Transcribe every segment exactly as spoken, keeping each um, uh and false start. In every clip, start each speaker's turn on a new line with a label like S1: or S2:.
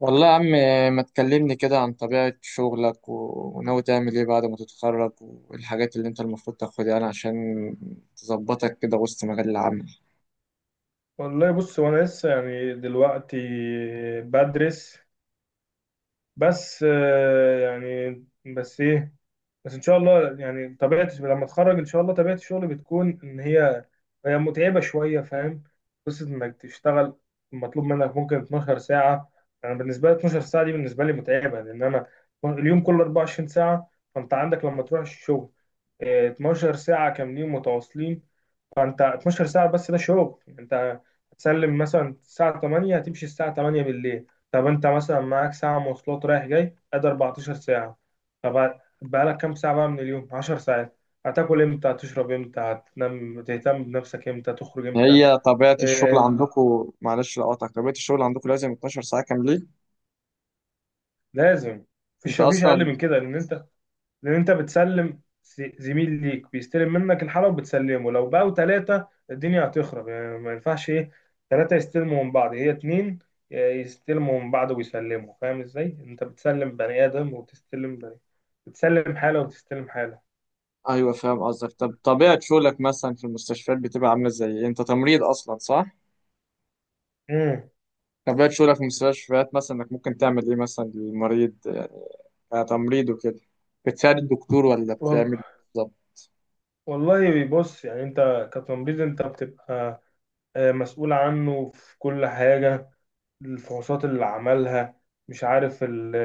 S1: والله يا عم، ما تكلمني كده عن طبيعة شغلك و- وناوي تعمل ايه بعد ما تتخرج والحاجات اللي انت المفروض تاخدها يعني عشان تظبطك كده وسط مجال العمل.
S2: والله بص. وانا لسه يعني دلوقتي بدرس. بس آه، يعني بس ايه. بس ان شاء الله يعني طبيعه لما اتخرج ان شاء الله طبيعه الشغل بتكون ان هي هي متعبه شويه، فاهم؟ قصه انك تشتغل مطلوب منك ممكن اتناشر ساعه. انا يعني بالنسبه لي اتناشر ساعه دي بالنسبه لي متعبه، لان انا اليوم كله اربعة وعشرين ساعه، فانت عندك لما تروح الشغل آه، اثنتا عشرة ساعه كاملين متواصلين. فانت اثنتا عشرة ساعه، بس ده شغل. انت هتسلم مثلا الساعه ثمانية، هتمشي الساعه ثمانية بالليل. طب انت مثلا معاك ساعه مواصلات رايح جاي، ادي اربعتاشر ساعه. طب بقالك كام ساعه بقى من اليوم؟ 10 ساعات. هتاكل امتى؟ هتشرب امتى؟ هتنام؟ تهتم بنفسك امتى؟ تخرج امتى؟
S1: هي طبيعة الشغل
S2: إيه،
S1: عندكم، معلش لو قاطعك، طبيعة الشغل عندكم لازم اتناشر ساعة كاملين؟
S2: لازم.
S1: انت
S2: مفيش مفيش اقل
S1: اصلا
S2: من كده، لان انت لان انت بتسلم، س- زميل ليك بيستلم منك الحاله وبتسلمه. لو بقوا ثلاثه الدنيا هتخرب، يعني ما ينفعش ايه، ثلاثه يستلموا من بعض. هي اتنين يستلموا من بعض ويسلموا، فاهم ازاي؟ انت بتسلم بني ادم وتستلم بني، بتسلم حاله وتستلم حاله.
S1: ايوه فاهم قصدك. طب طبيعة شغلك مثلا في المستشفيات بتبقى عاملة ازاي إيه؟ انت تمريض اصلا صح؟
S2: امم.
S1: طبيعة شغلك في المستشفيات مثلا انك ممكن تعمل ايه مثلا للمريض، آه، كتمريض وكده، بتساعد الدكتور ولا
S2: وال...
S1: بتعمل إيه بالظبط؟
S2: والله بص. يعني انت كتمريض انت بتبقى آه، مسؤول عنه في كل حاجه. الفحوصات اللي عملها، مش عارف ال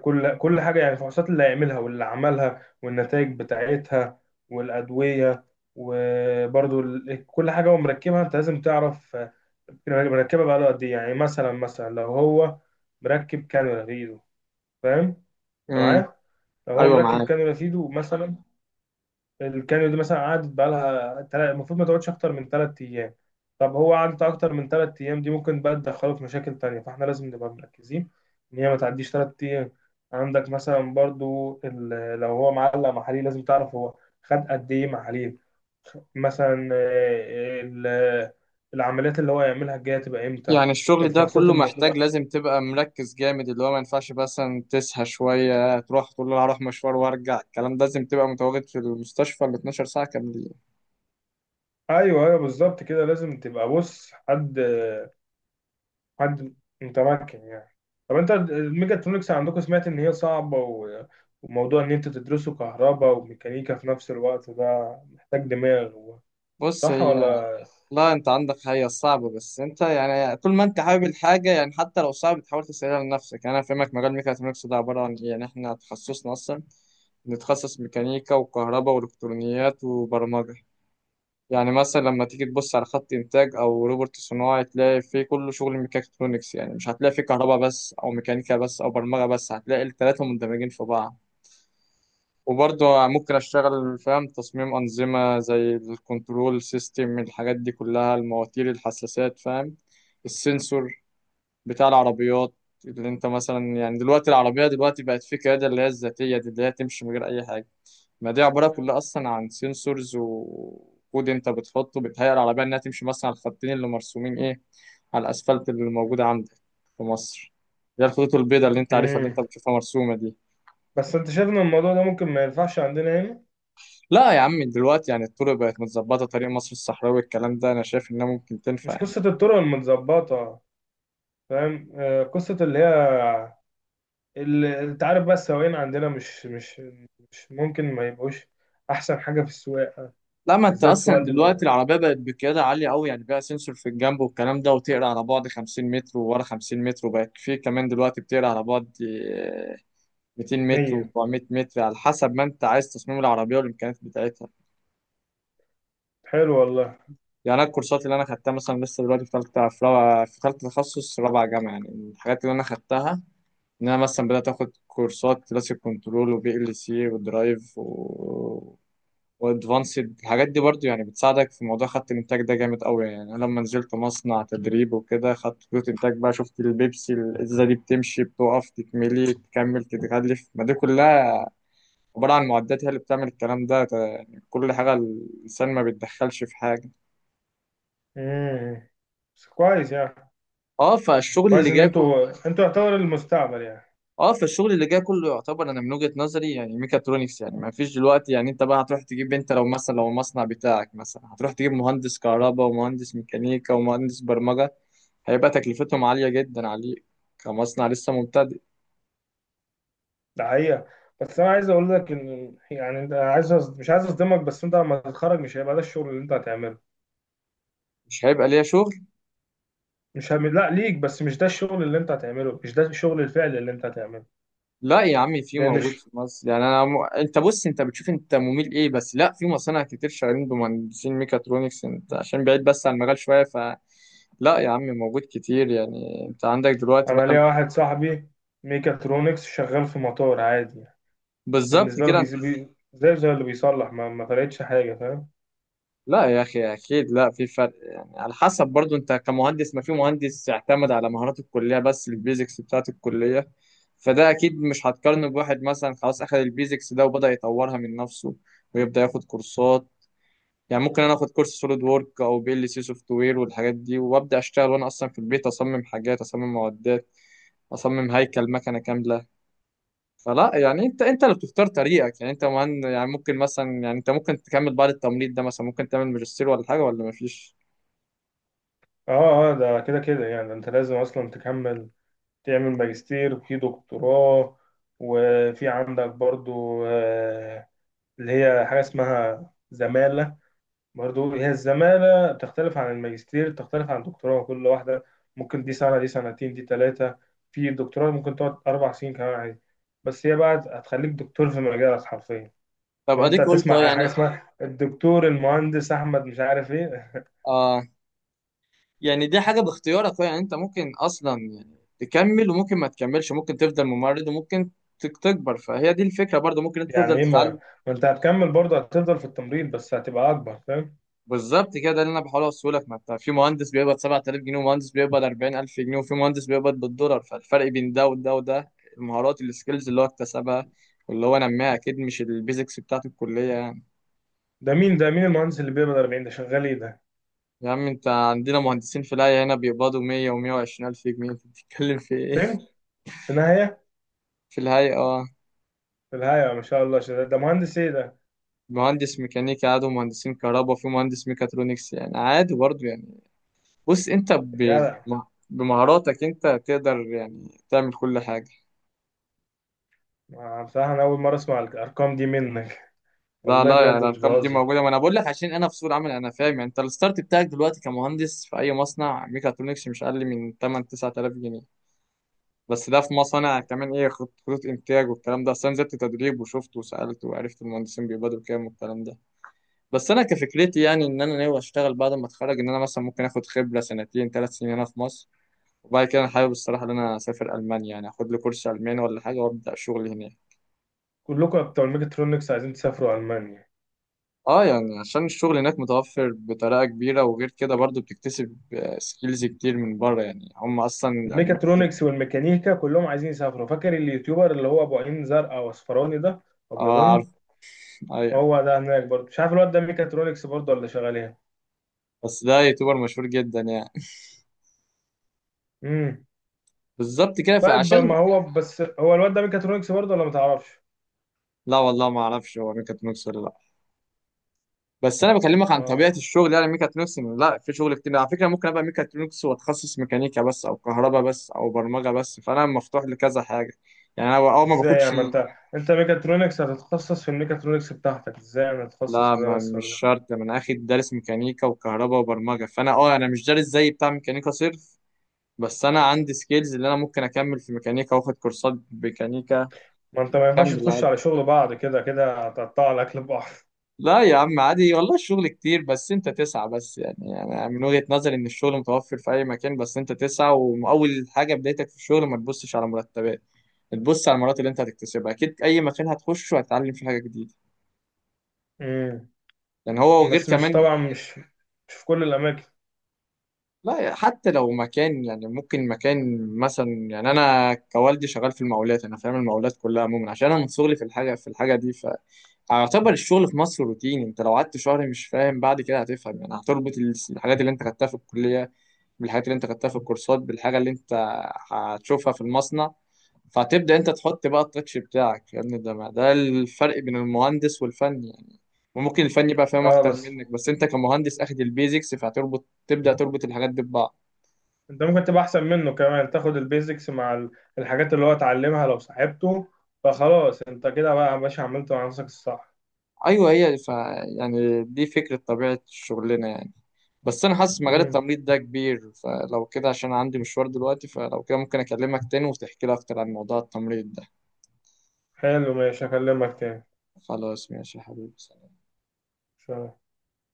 S2: كل كل حاجة، يعني الفحوصات اللي هيعملها واللي عملها والنتائج بتاعتها والأدوية. وبرضو ال- كل حاجة هو مركبها أنت لازم تعرف آه، مركبها بقاله قد إيه. يعني مثلا، مثلا لو هو مركب كانولا في إيده، فاهم؟ أنت
S1: امم.
S2: معايا؟ لو هو
S1: ايوه
S2: مركب
S1: معاك.
S2: كانولا في إيده مثلا، الكانيو دي مثلا قعدت بقالها، تلا- المفروض ما تقعدش اكتر من ثلاث ايام. طب هو قعدت اكتر من ثلاث ايام، دي ممكن بقى تدخله في مشاكل تانية، فاحنا لازم نبقى مركزين ان هي ما تعديش ثلاث ايام. عندك مثلا برضو ال- لو هو معلق محاليل، لازم تعرف هو خد قد ايه محاليل. مثلا آه، ال- العمليات اللي هو يعملها الجايه تبقى امتى.
S1: يعني الشغل ده
S2: الفحوصات
S1: كله محتاج
S2: المطلوبه.
S1: لازم تبقى مركز جامد، اللي هو ما ينفعش مثلا تسهى شوية تروح تقول له هروح مشوار وارجع، الكلام ده لازم تبقى متواجد في المستشفى ال اتناشر ساعة كاملين.
S2: ايوه ايوه، بالظبط كده. لازم تبقى بص حد، حد متمكن يعني. طب انت الميجاترونكس عندكم سمعت ان هي صعبة، و... وموضوع ان انت تدرسه كهرباء وميكانيكا في نفس الوقت، ده محتاج دماغ و...
S1: بص
S2: صح
S1: هي،
S2: ولا؟
S1: لا انت عندك هي صعبة بس انت يعني طول ما انت حابب الحاجة يعني حتى لو صعب تحاول تسهلها لنفسك. يعني انا فاهمك مجال ميكاترونكس ده عبارة عن ايه، يعني احنا تخصصنا اصلا نتخصص ميكانيكا وكهرباء والكترونيات وبرمجة. يعني مثلا لما تيجي تبص على خط انتاج او روبوت صناعي تلاقي فيه كله شغل ميكاترونكس، يعني مش هتلاقي فيه كهرباء بس او ميكانيكا بس او برمجة بس، هتلاقي التلاتة مندمجين في بعض. وبرضه ممكن اشتغل فاهم تصميم انظمة زي الكنترول سيستم، الحاجات دي كلها، المواتير، الحساسات، فاهم، السنسور بتاع العربيات، اللي انت مثلا يعني دلوقتي العربية دلوقتي بقت في قيادة اللي هي الذاتية دي اللي هي تمشي من غير اي حاجة. ما دي عبارة كلها أصلا عن سنسورز وكود أنت بتحطه بيتهيأ على بال إنها تمشي مثلا على الخطين اللي مرسومين إيه، على الأسفلت اللي موجود عندك في مصر، اللي هي الخطوط البيضاء اللي أنت عارفها اللي أنت
S2: امم.
S1: بتشوفها مرسومة دي.
S2: بس انت شايف ان الموضوع ده ممكن ما ينفعش عندنا هنا.
S1: لا يا عم دلوقتي يعني الطرق بقت متظبطة، طريق مصر الصحراوي الكلام ده أنا شايف إنها ممكن تنفع
S2: مش
S1: يعني.
S2: قصة الطرق المتظبطة، فاهم آه، قصة اللي هي، اللي انت عارف بقى السواقين عندنا مش مش مش ممكن ما يبقوش احسن حاجة في السواقة،
S1: لا ما أنت
S2: وبالذات
S1: أصلا
S2: سواقة
S1: دلوقتي العربية بقت بقيادة عالية أوي، يعني بقى سنسور في الجنب والكلام ده وتقرا على بعد خمسين متر وورا خمسين متر، وبقت في كمان دلوقتي بتقرا على بعد مئتين متر
S2: المية.
S1: و400 متر على حسب ما انت عايز تصميم العربيه والامكانيات بتاعتها.
S2: حلو والله.
S1: يعني انا الكورسات اللي انا خدتها مثلا لسه دلوقتي في ثالثه، في رابعه، في ثالثه تخصص رابعه جامعه يعني، الحاجات اللي انا خدتها ان انا مثلا بدات اخد كورسات كلاسيك كنترول وبي ال سي ودرايف و وادفانسد، الحاجات دي برضو يعني بتساعدك في موضوع خط الانتاج ده جامد قوي. يعني انا لما نزلت مصنع تدريب وكده خدت خطوط انتاج بقى، شفت البيبسي الازازه دي بتمشي بتقف تتملي تكمل تتغلف، ما دي كلها عبارة عن معدات هي اللي بتعمل الكلام ده، ت- يعني كل حاجة الإنسان ما بيتدخلش في حاجة.
S2: امم. بس كويس يعني.
S1: اه فالشغل اللي
S2: كويس ان
S1: جاي كله
S2: انتوا انتوا يعتبر المستقبل يعني.
S1: اه فالشغل اللي جاي كله يعتبر انا من وجهة نظري يعني ميكاترونكس، يعني ما فيش دلوقتي، يعني انت بقى هتروح تجيب، انت لو مثلا لو المصنع بتاعك مثلا هتروح تجيب مهندس كهرباء ومهندس ميكانيكا ومهندس برمجة، هيبقى تكلفتهم عالية جدا عليك كمصنع لسه مبتدئ.
S2: ده حقيقة. بس انا عايز اقول لك ان يعني انت عايز، أص- مش عايز اصدمك. بس انت لما تتخرج مش هيبقى ده الشغل اللي انت هتعمله.
S1: مش هيبقى ليا شغل؟
S2: مش هم... لا، ليك، بس مش ده الشغل اللي انت هتعمله، مش ده الشغل الفعلي اللي انت هتعمله.
S1: لا يا عمي في،
S2: لان
S1: موجود
S2: ش-
S1: في مصر، يعني انا م... انت بص انت بتشوف انت مميل ايه، بس لا في مصانع كتير شغالين بمهندسين ميكاترونكس، انت عشان بعيد بس عن المجال شويه ف، لا يا عمي موجود كتير. يعني انت عندك دلوقتي
S2: انا
S1: بقى،
S2: ليا واحد صاحبي ميكاترونكس شغال في مطار عادي،
S1: بالظبط
S2: بالنسبة له
S1: كده انت...
S2: بيزي... بي... زي زي اللي بيصلح، ما, ما فرقتش حاجة، فاهم؟
S1: لا يا اخي اكيد لا في فرق، يعني على حسب برضو انت كمهندس، ما في مهندس اعتمد على مهارات الكليه بس، البيزكس بتاعت الكليه فده اكيد مش هتقارنه بواحد مثلا خلاص اخذ البيزكس ده وبدأ يطورها من نفسه ويبدأ ياخد كورسات. يعني ممكن انا اخد كورس سوليد وورك او بي ال سي سوفت وير والحاجات دي وابدا اشتغل، وانا اصلا في البيت اصمم حاجات، اصمم معدات، اصمم هيكل مكنه كامله. فلا يعني انت انت اللي بتختار طريقك، يعني انت مهن، يعني ممكن مثلا يعني انت ممكن تكمل بعد التمريض ده مثلا ممكن تعمل ماجستير ولا حاجه ولا مفيش؟
S2: اه اه. ده كده كده يعني انت لازم اصلا تكمل. تعمل ماجستير، وفي دكتوراه. وفي عندك برضو آه، اللي هي حاجة اسمها زمالة. برضو هي الزمالة بتختلف عن الماجستير، بتختلف عن الدكتوراه. كل واحدة ممكن، دي سنة، دي سنتين، دي ثلاثة. في الدكتوراه ممكن تقعد أربع سنين كمان عادي. بس هي بقى هتخليك دكتور في مجالك حرفيا.
S1: طب
S2: فانت
S1: اديك قلت اه
S2: هتسمع
S1: يعني.
S2: حاجة اسمها الدكتور المهندس أحمد مش عارف إيه.
S1: اه يعني دي حاجه باختيارك، يعني انت ممكن اصلا يعني تكمل وممكن ما تكملش، ممكن تفضل ممرض وممكن تك- تكبر، فهي دي الفكره برضو، ممكن انت
S2: يعني
S1: تفضل
S2: إيه؟ ما
S1: تتعلم.
S2: ما أنت هتكمل برضه، هتفضل في التمريض بس هتبقى أكبر، فاهم؟
S1: بالظبط كده، ده اللي انا بحاول اوصله لك، ما انت في مهندس بيقبض سبعة آلاف جنيه ومهندس بيقبض اربعين الف جنيه وفي مهندس بيقبض بالدولار، فالفرق بين ده وده وده المهارات السكيلز اللي هو اكتسبها واللي هو نماها اكيد مش البيزكس بتاعت الكليه يعني.
S2: ده مين ده مين المهندس اللي بيقبض اربعين ده؟ شغال ايه ده؟
S1: يا عم انت عندنا مهندسين في الهيئه هنا بيقبضوا مئة و120 الف جنيه، انت بتتكلم في ايه؟
S2: فين؟ في النهاية
S1: في الهيئه اه.
S2: في النهاية ما شاء الله شغال ده. مهندس ايه ده؟
S1: مهندس ميكانيكا عادي ومهندسين كهرباء وفي مهندس ميكاترونكس يعني عادي برضه يعني. بص انت
S2: يا
S1: ب-
S2: جدع.
S1: بمهاراتك انت تقدر يعني تعمل كل حاجه.
S2: آه، بصراحة أنا أول مرة أسمع الأرقام دي منك.
S1: لا
S2: والله
S1: لا يعني
S2: بجد مش
S1: الارقام دي
S2: بهزر.
S1: موجوده، ما انا بقول لك عشان انا في سوق العمل انا فاهم. يعني انت الستارت بتاعك دلوقتي كمهندس في اي مصنع ميكاترونكس مش اقل من تمنية تسعة آلاف جنيه، بس ده في مصانع كمان ايه خط- خطوط انتاج والكلام ده. اصل انا نزلت تدريب وشفت وسالت وعرفت المهندسين بيقبضوا كام والكلام ده. بس انا كفكرتي يعني ان انا ناوي اشتغل بعد ما اتخرج، ان انا مثلا ممكن اخد خبره سنتين ثلاث سنين هنا في مصر، وبعد كده انا حابب الصراحه ان انا اسافر المانيا يعني اخد لي كورس الماني ولا حاجه وابدا شغل هناك.
S2: كلكم بتوع الميكاترونكس عايزين تسافروا ألمانيا.
S1: اه يعني عشان الشغل هناك متوفر بطريقة كبيرة، وغير كده برضو بتكتسب سكيلز كتير من بره، يعني هم اصلا الالمان دول-
S2: الميكاترونكس والميكانيكا كلهم عايزين يسافروا. فاكر اليوتيوبر اللي هو أبو عين زرقاء وأصفراني ده،
S1: اه عارف.
S2: أبيضاني.
S1: ايوه
S2: هو ده هناك برضه، مش عارف الواد ده ميكاترونكس برضه ولا شغال ايه.
S1: بس ده يوتيوبر مشهور جدا يعني.
S2: امم.
S1: بالظبط كده
S2: طيب
S1: فعشان،
S2: ما هو بس هو الواد ده ميكاترونكس برضه ولا ما تعرفش؟
S1: لا والله ما اعرفش هو ميكاترونكس ولا لا. بس انا بكلمك عن طبيعة
S2: اه.
S1: الشغل يعني ميكاترونكس إن لا في شغل كتير على فكرة، ممكن ابقى ميكاترونكس واتخصص ميكانيكا بس او كهرباء بس او برمجة بس، فانا مفتوح لكذا حاجة. يعني انا اول ما
S2: ازاي يعني؟
S1: باخدش،
S2: ما انت، انت ميكاترونكس، هتتخصص في الميكاترونكس بتاعتك ازاي؟ انا اتخصص
S1: لا
S2: في ده
S1: ما
S2: بس
S1: مش
S2: ولا ده؟
S1: شرط، ما انا اخد دارس ميكانيكا وكهرباء وبرمجه فانا اه انا مش دارس زي بتاع ميكانيكا صرف، بس انا عندي سكيلز اللي انا ممكن اكمل في ميكانيكا واخد كورسات ميكانيكا.
S2: ما انت ما ينفعش
S1: اكمل
S2: تخش
S1: عادي.
S2: على شغل بعض، كده كده هتقطع الاكل ببعض.
S1: لا يا عم عادي والله، الشغل كتير بس انت تسعى بس. يعني انا من وجهة نظري ان الشغل متوفر في اي مكان بس انت تسعى، واول حاجه بدايتك في الشغل ما تبصش على مرتبات، تبص على المهارات اللي انت هتكتسبها. اكيد اي مكان هتخشه هتتعلم فيه حاجه جديده،
S2: امم.
S1: يعني هو وغير
S2: بس مش
S1: كمان،
S2: طبعا، مش مش في كل الاماكن.
S1: لا حتى لو مكان يعني ممكن مكان مثلا. يعني انا كوالدي شغال في المقاولات انا فاهم المقاولات كلها عموما عشان انا من صغري في الحاجه في الحاجه دي، فاعتبر الشغل في مصر روتيني. انت لو قعدت شهر مش فاهم بعد كده هتفهم، يعني هتربط ال- الحاجات اللي انت خدتها في الكليه بالحاجات اللي انت خدتها في الكورسات بالحاجه اللي انت هتشوفها في المصنع، فهتبدا انت تحط بقى التاتش بتاعك يا ابني. ده ما- ده الفرق بين المهندس والفني يعني. وممكن الفني بقى فاهم
S2: اه،
S1: اكتر
S2: بس
S1: منك، بس انت كمهندس اخد البيزكس فهتربط، تبدا تربط الحاجات دي ببعض.
S2: انت ممكن تبقى احسن منه كمان، تاخد البيزكس مع ال- الحاجات اللي هو اتعلمها لو صاحبته. فخلاص انت كده بقى يا باشا، عملت مع نفسك الصح.
S1: ايوه هي ف يعني دي فكره طبيعه شغلنا يعني. بس انا حاسس مجال
S2: امم.
S1: التمريض ده كبير، فلو كده عشان عندي مشوار دلوقتي، فلو كده ممكن اكلمك تاني وتحكي لي اكتر عن موضوع التمريض ده.
S2: حلو ماشي، هكلمك تاني.
S1: خلاص ماشي يا حبيبي.
S2: سلام.